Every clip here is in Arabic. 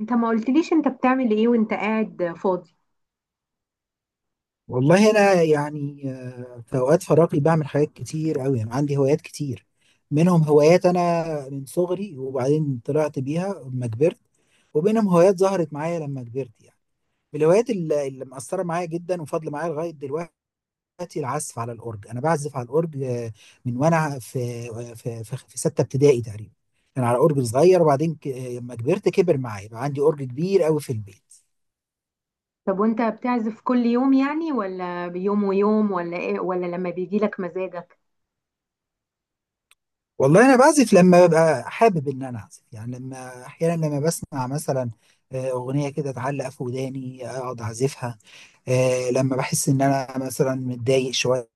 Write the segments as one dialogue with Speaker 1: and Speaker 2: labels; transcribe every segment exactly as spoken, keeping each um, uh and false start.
Speaker 1: انت ما قلتليش انت بتعمل ايه وانت قاعد فاضي؟
Speaker 2: والله انا يعني آه، في اوقات فراغي بعمل حاجات كتير قوي. انا عندي هوايات كتير، منهم هوايات انا من صغري وبعدين طلعت بيها لما كبرت، وبينهم هوايات ظهرت معايا لما كبرت يعني. من الهوايات اللي, اللي مأثرة معايا جدا وفاضلة معايا لغاية دلوقتي، العزف على الأورج. أنا بعزف على الأورج آه، من وأنا في آه، في في, في ستة ابتدائي تقريبا، كان على أورج صغير، وبعدين ك- آه، لما كبرت كبر معايا، بقى عندي أورج كبير قوي في البيت.
Speaker 1: طب وانت بتعزف كل يوم يعني ولا بيوم ويوم ولا ايه، ولا لما بيجي لك مزاجك؟
Speaker 2: والله انا بعزف لما ببقى حابب ان انا اعزف، يعني لما احيانا لما بسمع مثلا آه، اغنيه كده تعلق في وداني، اقعد اعزفها. آه، لما بحس ان انا مثلا متضايق شويه،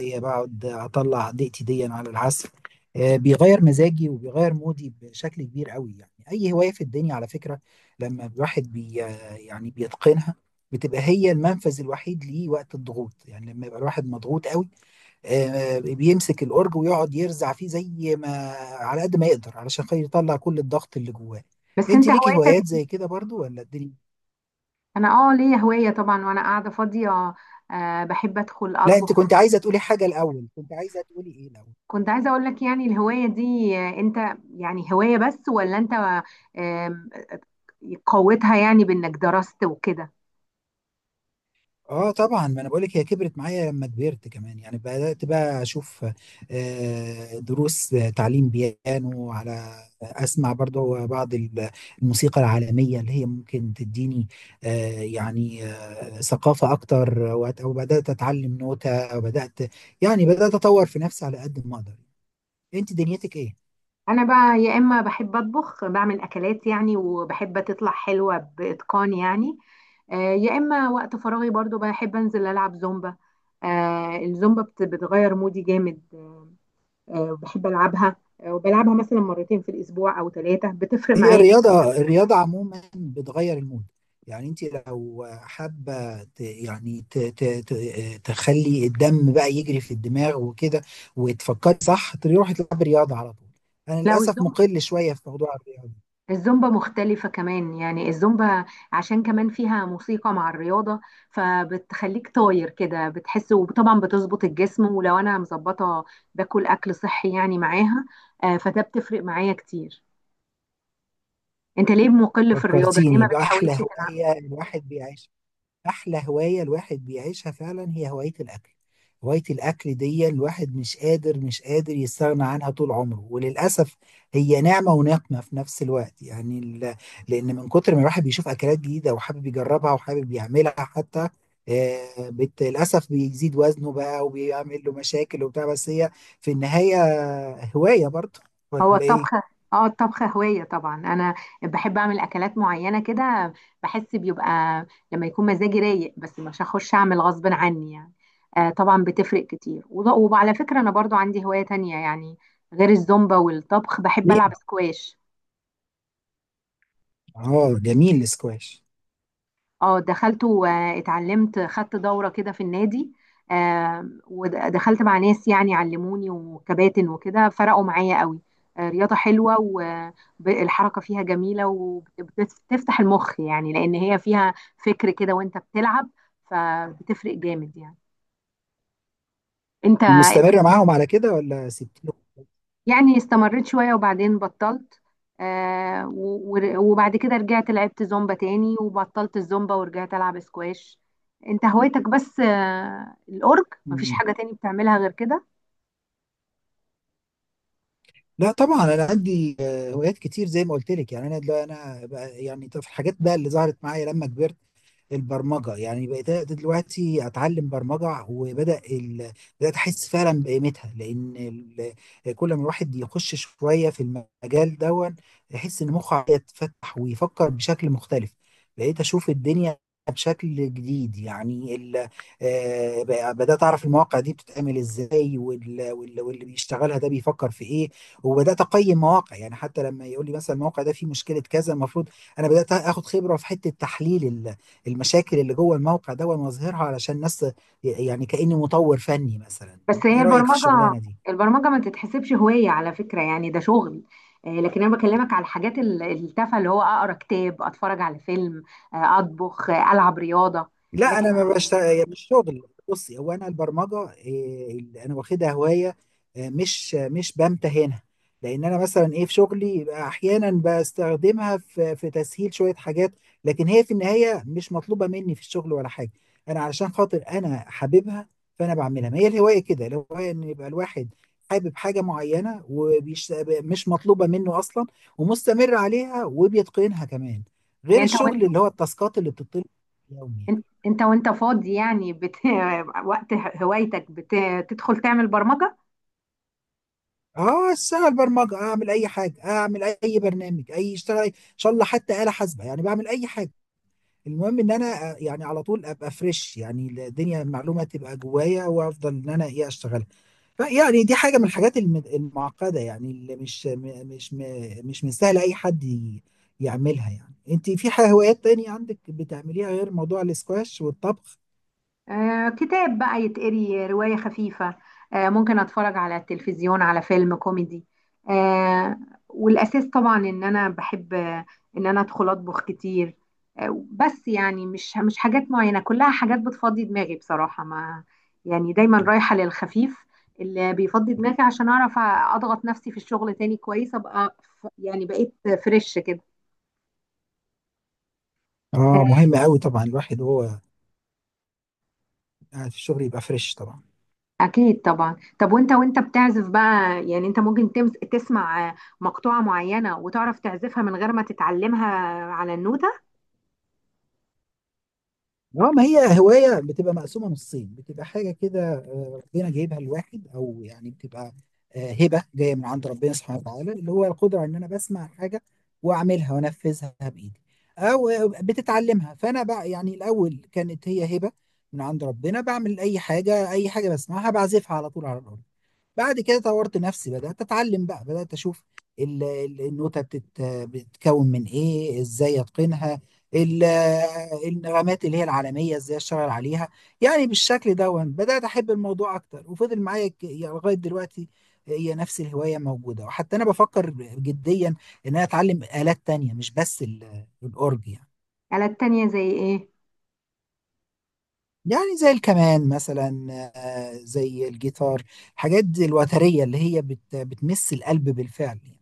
Speaker 2: بقعد اطلع ضيقتي دي على العزف. آه، بيغير مزاجي وبيغير مودي بشكل كبير قوي. يعني اي هوايه في الدنيا، على فكره، لما الواحد بي آه، يعني بيتقنها، بتبقى هي المنفذ الوحيد ليه وقت الضغوط. يعني لما يبقى الواحد مضغوط قوي، آه، بيمسك الأورج ويقعد يرزع فيه زي ما على قد ما يقدر، علشان خاطر يطلع كل الضغط اللي جواه.
Speaker 1: بس
Speaker 2: انت
Speaker 1: انت
Speaker 2: ليكي
Speaker 1: هوايتك.
Speaker 2: هوايات زي كده برضو ولا الدنيا؟
Speaker 1: انا اه ليا هواية طبعا وانا قاعدة فاضية. آه، بحب ادخل
Speaker 2: لا، انت كنت
Speaker 1: اطبخ.
Speaker 2: عايزة تقولي حاجة الأول، كنت عايزة تقولي ايه الأول؟
Speaker 1: كنت عايزة اقول لك يعني الهواية دي، آه، انت يعني هواية بس ولا انت آه قوتها يعني بانك درست وكده؟
Speaker 2: اه طبعا، ما انا بقول لك، هي كبرت معايا لما كبرت كمان. يعني بدات بقى اشوف آه، دروس، آه، تعليم بيانو، على اسمع برضو بعض ال- الموسيقى العالميه اللي هي ممكن تديني آه، يعني آه، ثقافه اكتر، وأت- وبدات اتعلم نوتة، بدات يعني بدات اطور في نفسي على قد ما اقدر. انت دنيتك ايه؟
Speaker 1: انا بقى يا اما بحب اطبخ بعمل اكلات يعني وبحب تطلع حلوه باتقان يعني، آه، يا اما وقت فراغي برضو بحب انزل العب زومبا. آه، الزومبا بت- بتغير مودي جامد. آه، بحب العبها، آه، وبلعبها مثلا مرتين في الاسبوع او ثلاثه بتفرق
Speaker 2: هي
Speaker 1: معايا.
Speaker 2: الرياضة، الرياضة عموما بتغير المود. يعني انت لو حابة ت- يعني ت- ت- ت- تخلي الدم بقى يجري في الدماغ وكده، وتفكري صح، تروحي تلعبي رياضة على طول. انا
Speaker 1: لو
Speaker 2: للأسف
Speaker 1: الزومبا،
Speaker 2: مقل شوية في موضوع الرياضة.
Speaker 1: الزومبا مختلفة كمان يعني الزومبا عشان كمان فيها موسيقى مع الرياضة، فبتخليك طاير كده بتحس، وطبعا بتظبط الجسم، ولو أنا مظبطة باكل أكل صحي يعني معاها، آه، فده بتفرق معايا كتير. أنت ليه مقل في الرياضة؟ ليه ما
Speaker 2: فكرتيني بأحلى
Speaker 1: بتحاولش تلعب؟
Speaker 2: هواية الواحد بيعيشها. احلى هوايه الواحد بيعيشها فعلا هي هوايه الاكل. هوايه الاكل دي الواحد مش قادر مش قادر يستغنى عنها طول عمره، وللاسف هي نعمه ونقمه في نفس الوقت. يعني ال- لان من كتر ما الواحد بيشوف اكلات جديده وحابب يجربها وحابب يعملها حتى، آه، بت- للاسف بيزيد وزنه بقى وبيعمل له مشاكل وبتاع. بس هي في النهايه هوايه برضه، ولا
Speaker 1: هو
Speaker 2: ايه؟
Speaker 1: الطبخ، اه الطبخ هواية طبعا. انا بحب اعمل اكلات معينة كده، بحس بيبقى لما يكون مزاجي رايق، بس مش هخش اعمل غصب عني يعني. آه طبعا بتفرق كتير، وض- وعلى فكرة انا برضو عندي هواية تانية يعني غير الزومبا والطبخ، بحب العب
Speaker 2: جميل،
Speaker 1: سكواش.
Speaker 2: اه جميل الاسكواش.
Speaker 1: اه دخلت واتعلمت، خدت دورة كده في النادي. آه، ودخلت مع ناس يعني علموني وكباتن وكده، فرقوا معايا قوي. آه، رياضة حلوة، والحركة فيها جميلة وبتفتح المخ يعني، لأن هي فيها فكر كده وانت بتلعب، فبتفرق جامد يعني. انت انت
Speaker 2: ومستمره معاهم على كده ولا سبتيهم؟
Speaker 1: يعني استمريت شوية وبعدين بطلت. آه و- ور- وبعد كده رجعت لعبت زومبا تاني، وبطلت الزومبا ورجعت ألعب سكواش. انت هوايتك بس آه الأورج؟ مفيش حاجة تاني بتعملها غير كده؟
Speaker 2: لا طبعا، انا عندي آه، هوايات كتير زي ما قلت لك. يعني انا دلوقتي انا بقى- يعني طب في الحاجات بقى اللي ظهرت معايا لما كبرت، البرمجه. يعني بقيت دلوقتي اتعلم برمجه، وبدا ال... بدات احس فعلا بقيمتها، لان ال... كل ما الواحد يخش شويه في المجال دون، يحس ان مخه يتفتح ويفكر بشكل مختلف. بقيت اشوف الدنيا بشكل جديد. يعني ال... آه، بقى- بدات اعرف المواقع دي بتتعمل ازاي، وال... وال... واللي بيشتغلها ده بيفكر في ايه. وبدات اقيم مواقع، يعني حتى لما يقول لي مثلا الموقع ده فيه مشكله كذا، المفروض انا بدات اخد خبره في حته تحليل المشاكل اللي جوه الموقع ده واظهرها علشان ناس. يعني كأني مطور فني مثلا.
Speaker 1: بس هي
Speaker 2: ايه رأيك في
Speaker 1: البرمجة،
Speaker 2: الشغلانة دي؟
Speaker 1: البرمجة ما تتحسبش هواية على فكرة، يعني ده شغل. آه لكن أنا بكلمك على الحاجات ال- التافهة، اللي هو أقرأ كتاب، أتفرج على فيلم، آه أطبخ، آه ألعب رياضة.
Speaker 2: لا انا
Speaker 1: لكن
Speaker 2: ما بشتغل، مش شغل. بصي، هو انا البرمجه إيه، اللي انا واخدها هوايه، آه، مش مش بمتهنها، لان انا مثلا ايه في شغلي يبقى احيانا بستخدمها في في تسهيل شويه حاجات، لكن هي في النهايه مش مطلوبه مني في الشغل ولا حاجه. انا علشان خاطر انا حاببها فانا بعملها. ما هي الهوايه كده، الهوايه ان يبقى الواحد حابب حاجه معينه ومش مطلوبه منه اصلا، ومستمر عليها وبيتقنها كمان، غير
Speaker 1: يعني انت
Speaker 2: الشغل اللي هو التاسكات اللي بتطلب يومي.
Speaker 1: إن- انت وانت فاضي يعني بت... وقت هوايتك بتدخل تعمل برمجة؟
Speaker 2: اه، سهل، برمجه اعمل اي حاجه، اعمل اي برنامج، اي اشتغل ان شاء الله، حتى آلة حاسبه، يعني بعمل اي حاجه. المهم ان انا آه، يعني على طول ابقى فريش، يعني الدنيا المعلومه تبقى جوايا وافضل ان انا ايه اشتغلها. فيعني دي حاجه من الحاجات الم- المعقده، يعني اللي مش م- مش م- مش من سهل اي حد ي- يعملها. يعني انت في حاجه هوايات تانية عندك بتعمليها غير موضوع الاسكواش والطبخ؟
Speaker 1: آه كتاب بقى يتقري، رواية خفيفة، آه ممكن اتفرج على التلفزيون على فيلم كوميدي، آه. والاساس طبعا ان انا بحب آه، ان انا ادخل اطبخ كتير. آه بس يعني مش مش حاجات معينة، كلها حاجات بتفضي دماغي بصراحة. ما يعني دايما رايحة للخفيف اللي بيفضي دماغي عشان اعرف اضغط نفسي في الشغل تاني كويس، ابقى ف- يعني بقيت فريش كده.
Speaker 2: اه مهم قوي طبعا الواحد وهو قاعد في الشغل يبقى فريش طبعا.
Speaker 1: أكيد طبعا. طب وأنت وأنت بتعزف بقى يعني، أنت ممكن تمس تسمع مقطوعة معينة وتعرف تعزفها من غير ما تتعلمها على النوتة؟
Speaker 2: اه ما هي هواية بتبقى مقسومة نصين، بتبقى حاجة كده آه، ربنا جايبها لواحد، أو يعني بتبقى آه، هبة جاية من عند ربنا سبحانه وتعالى، اللي هو القدرة على إن أنا بسمع حاجة وأعملها وأنفذها بإيدي، أو آه، بتتعلمها. فأنا بقى، يعني الأول كانت هي هبة من عند ربنا، بعمل أي حاجة، أي حاجة بسمعها بعزفها على طول على الأرض. بعد كده طورت نفسي، بدأت أتعلم بقى، بدأت أشوف ال- ال- النوتة بتت- بتتكون من إيه، إزاي أتقنها، ال- النغمات اللي هي العالمية إزاي أشتغل عليها. يعني بالشكل ده وأنا بدأت أحب الموضوع أكتر، وفضل معايا ك- يعني لغاية دلوقتي هي نفس الهواية موجودة. وحتى أنا بفكر جديا إن أنا أتعلم آلات تانية مش بس ال- الأورج يعني.
Speaker 1: آلات تانية زي إيه؟
Speaker 2: يعني زي الكمان مثلا، آه، زي الجيتار، الحاجات دي الوترية اللي هي بت- بتمس القلب بالفعل يعني.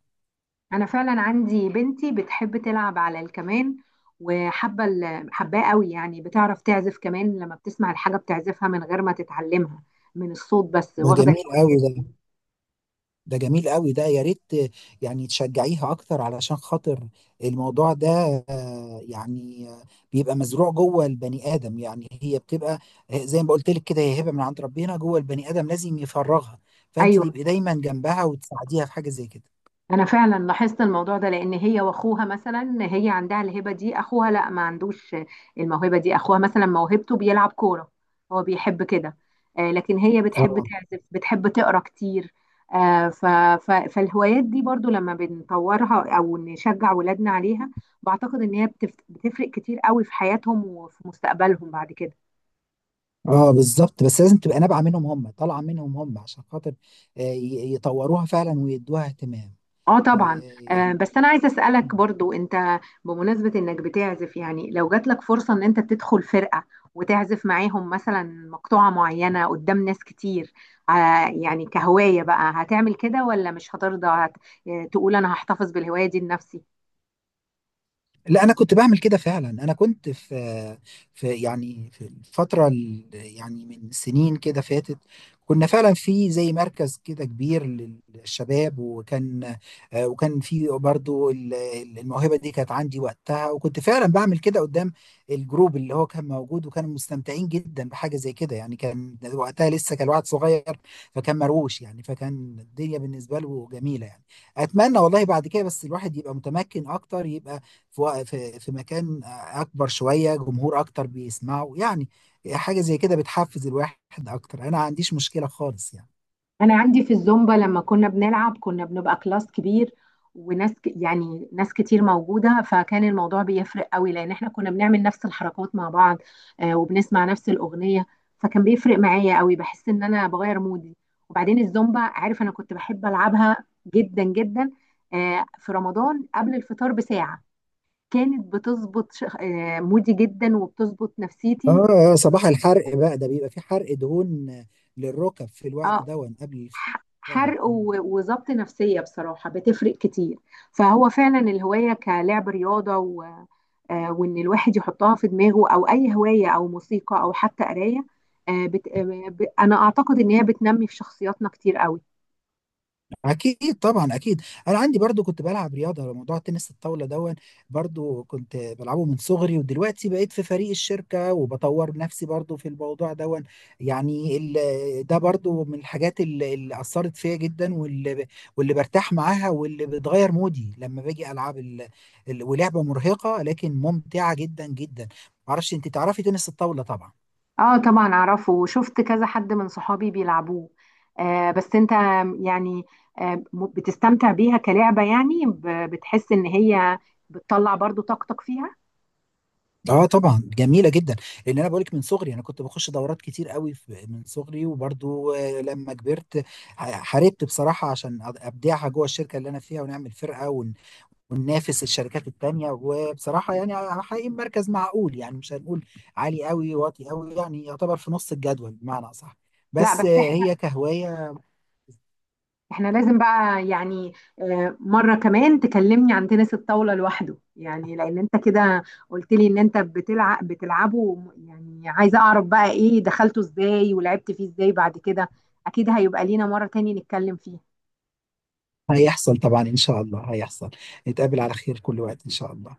Speaker 1: أنا فعلا عندي بنتي بتحب تلعب على الكمان، وحابة ال- حباه قوي يعني، بتعرف تعزف كمان، لما بتسمع الحاجة بتعزفها من غير ما تتعلمها، من الصوت بس،
Speaker 2: ده
Speaker 1: واخدة
Speaker 2: جميل
Speaker 1: الهواية
Speaker 2: قوي
Speaker 1: دي.
Speaker 2: ده، ده جميل قوي ده. يا ريت يعني تشجعيها اكتر، علشان خاطر الموضوع ده آه، يعني آه، بيبقى مزروع جوه البني ادم. يعني هي بتبقى آه، زي ما قلت لك كده، هي هبه من عند ربنا جوه البني ادم لازم يفرغها. فانت
Speaker 1: أيوة.
Speaker 2: تبقي دايما جنبها وتساعديها في حاجه زي كده.
Speaker 1: انا فعلا لاحظت الموضوع ده، لان هي واخوها مثلا، هي عندها الهبه دي، اخوها لا ما عندوش الموهبه دي، اخوها مثلا موهبته بيلعب كوره، هو بيحب كده. آه، لكن هي بتحب
Speaker 2: اه
Speaker 1: تعزف، بتحب تقرا كتير. آه، ف- ف- فالهوايات دي برضو لما بنطورها او نشجع ولادنا عليها، بعتقد ان هي بتف- بتفرق كتير قوي في حياتهم وفي مستقبلهم بعد كده.
Speaker 2: اه بالظبط، بس لازم تبقى نابعه منهم هم، طالعه منهم هم، عشان خاطر آه، ي- يطوروها فعلا ويدوها اهتمام.
Speaker 1: اه
Speaker 2: آه،
Speaker 1: طبعا. آه
Speaker 2: يعني
Speaker 1: بس انا عايزه اسالك برضو، انت بمناسبه انك بتعزف يعني، لو جات لك فرصه ان انت تدخل فرقه وتعزف معاهم مثلا مقطوعه معينه قدام ناس كتير، آه يعني كهوايه بقى هتعمل كده ولا مش هترضى هت... آه، تقول انا هحتفظ بالهوايه دي لنفسي؟
Speaker 2: لا انا كنت بعمل كده فعلا. انا كنت في في يعني في الفتره ال- يعني من سنين كده فاتت، كنا فعلا في زي مركز كده كبير للشباب، وكان آه، وكان في برضو ال- ال- الموهبه دي كانت عندي وقتها، وكنت فعلا بعمل كده قدام الجروب اللي هو كان موجود، وكانوا مستمتعين جدا بحاجه زي كده. يعني كان وقتها لسه كان الواحد صغير، فكان مروش يعني، فكان الدنيا بالنسبه له جميله يعني. اتمنى والله بعد كده بس الواحد يبقى متمكن اكتر، يبقى في وق- في في مكان اكبر شويه، جمهور اكتر بيسمعه يعني. حاجه زي كده بتحفز الواحد اكتر، انا ما عنديش مشكله خالص يعني.
Speaker 1: انا عندي في الزومبا لما كنا بنلعب كنا بنبقى كلاس كبير، وناس ك- يعني ناس كتير موجوده، فكان الموضوع بيفرق قوي، لان احنا كنا بنعمل نفس الحركات مع بعض، آه، وبنسمع نفس الاغنيه، فكان بيفرق معايا قوي، بحس ان انا بغير مودي. وبعدين الزومبا عارف انا كنت بحب العبها جدا جدا. آه، في رمضان قبل الفطار بساعه كانت بتظبط ش- آه، مودي جدا وبتظبط نفسيتي.
Speaker 2: اه صباح الحرق بقى ده، بيبقى في حرق دهون للركب في الوقت
Speaker 1: اه
Speaker 2: ده، قبل
Speaker 1: ح-
Speaker 2: الفطار.
Speaker 1: حرق و- وظبط نفسية، بصراحة بتفرق كتير. فهو فعلا الهواية كلعب رياضة و... آه، وإن الواحد يحطها في دماغه، أو أي هواية أو موسيقى أو حتى قراية، آه، بت... آه، ب... أنا أعتقد إن هي بتنمي في شخصياتنا كتير قوي.
Speaker 2: اكيد طبعا اكيد. انا عندي برضو كنت بلعب رياضه، موضوع تنس الطاوله دون، برضو كنت بلعبه من صغري، ودلوقتي بقيت في فريق الشركه وبطور نفسي برضو في الموضوع دون. يعني ال- ده برضو من الحاجات اللي اللي اثرت فيا جدا، واللي ب- واللي برتاح معاها، واللي بتغير مودي لما باجي العب ال... ال... ولعبه مرهقه لكن ممتعه جدا جدا. معرفش انت تعرفي تنس الطاوله طبعا.
Speaker 1: اه طبعا أعرفه، وشفت كذا حد من صحابي بيلعبوه. آه، بس أنت يعني، آه، م- بتستمتع بيها كلعبة يعني، ب- بتحس إن هي بتطلع برضو طاقتك فيها؟
Speaker 2: اه طبعا جميله جدا، لان انا بقولك من صغري انا كنت بخش دورات كتير قوي في- من صغري، وبرضو آه، لما كبرت ح- حاربت بصراحه عشان أد- ابدعها جوه الشركه اللي انا فيها، ونعمل فرقه ون- وننافس الشركات التانيه. وبصراحه يعني حقيقي مركز معقول، يعني مش هنقول عالي قوي واطي قوي، يعني يعتبر في نص الجدول بمعنى اصح،
Speaker 1: لا
Speaker 2: بس
Speaker 1: بس
Speaker 2: آه، هي كهوايه.
Speaker 1: احنا لازم بقى يعني، آه، مرة كمان تكلمني عن تنس الطاولة لوحده، يعني لان انت كده قلت لي ان انت بتلعب بتلعبه وم- يعني عايزة اعرف بقى ايه دخلته ازاي ولعبت فيه ازاي. بعد كده اكيد هيبقى لينا مرة تاني نتكلم فيه.
Speaker 2: هيحصل طبعا ان شاء الله هيحصل، نتقابل على خير كل وقت ان شاء الله.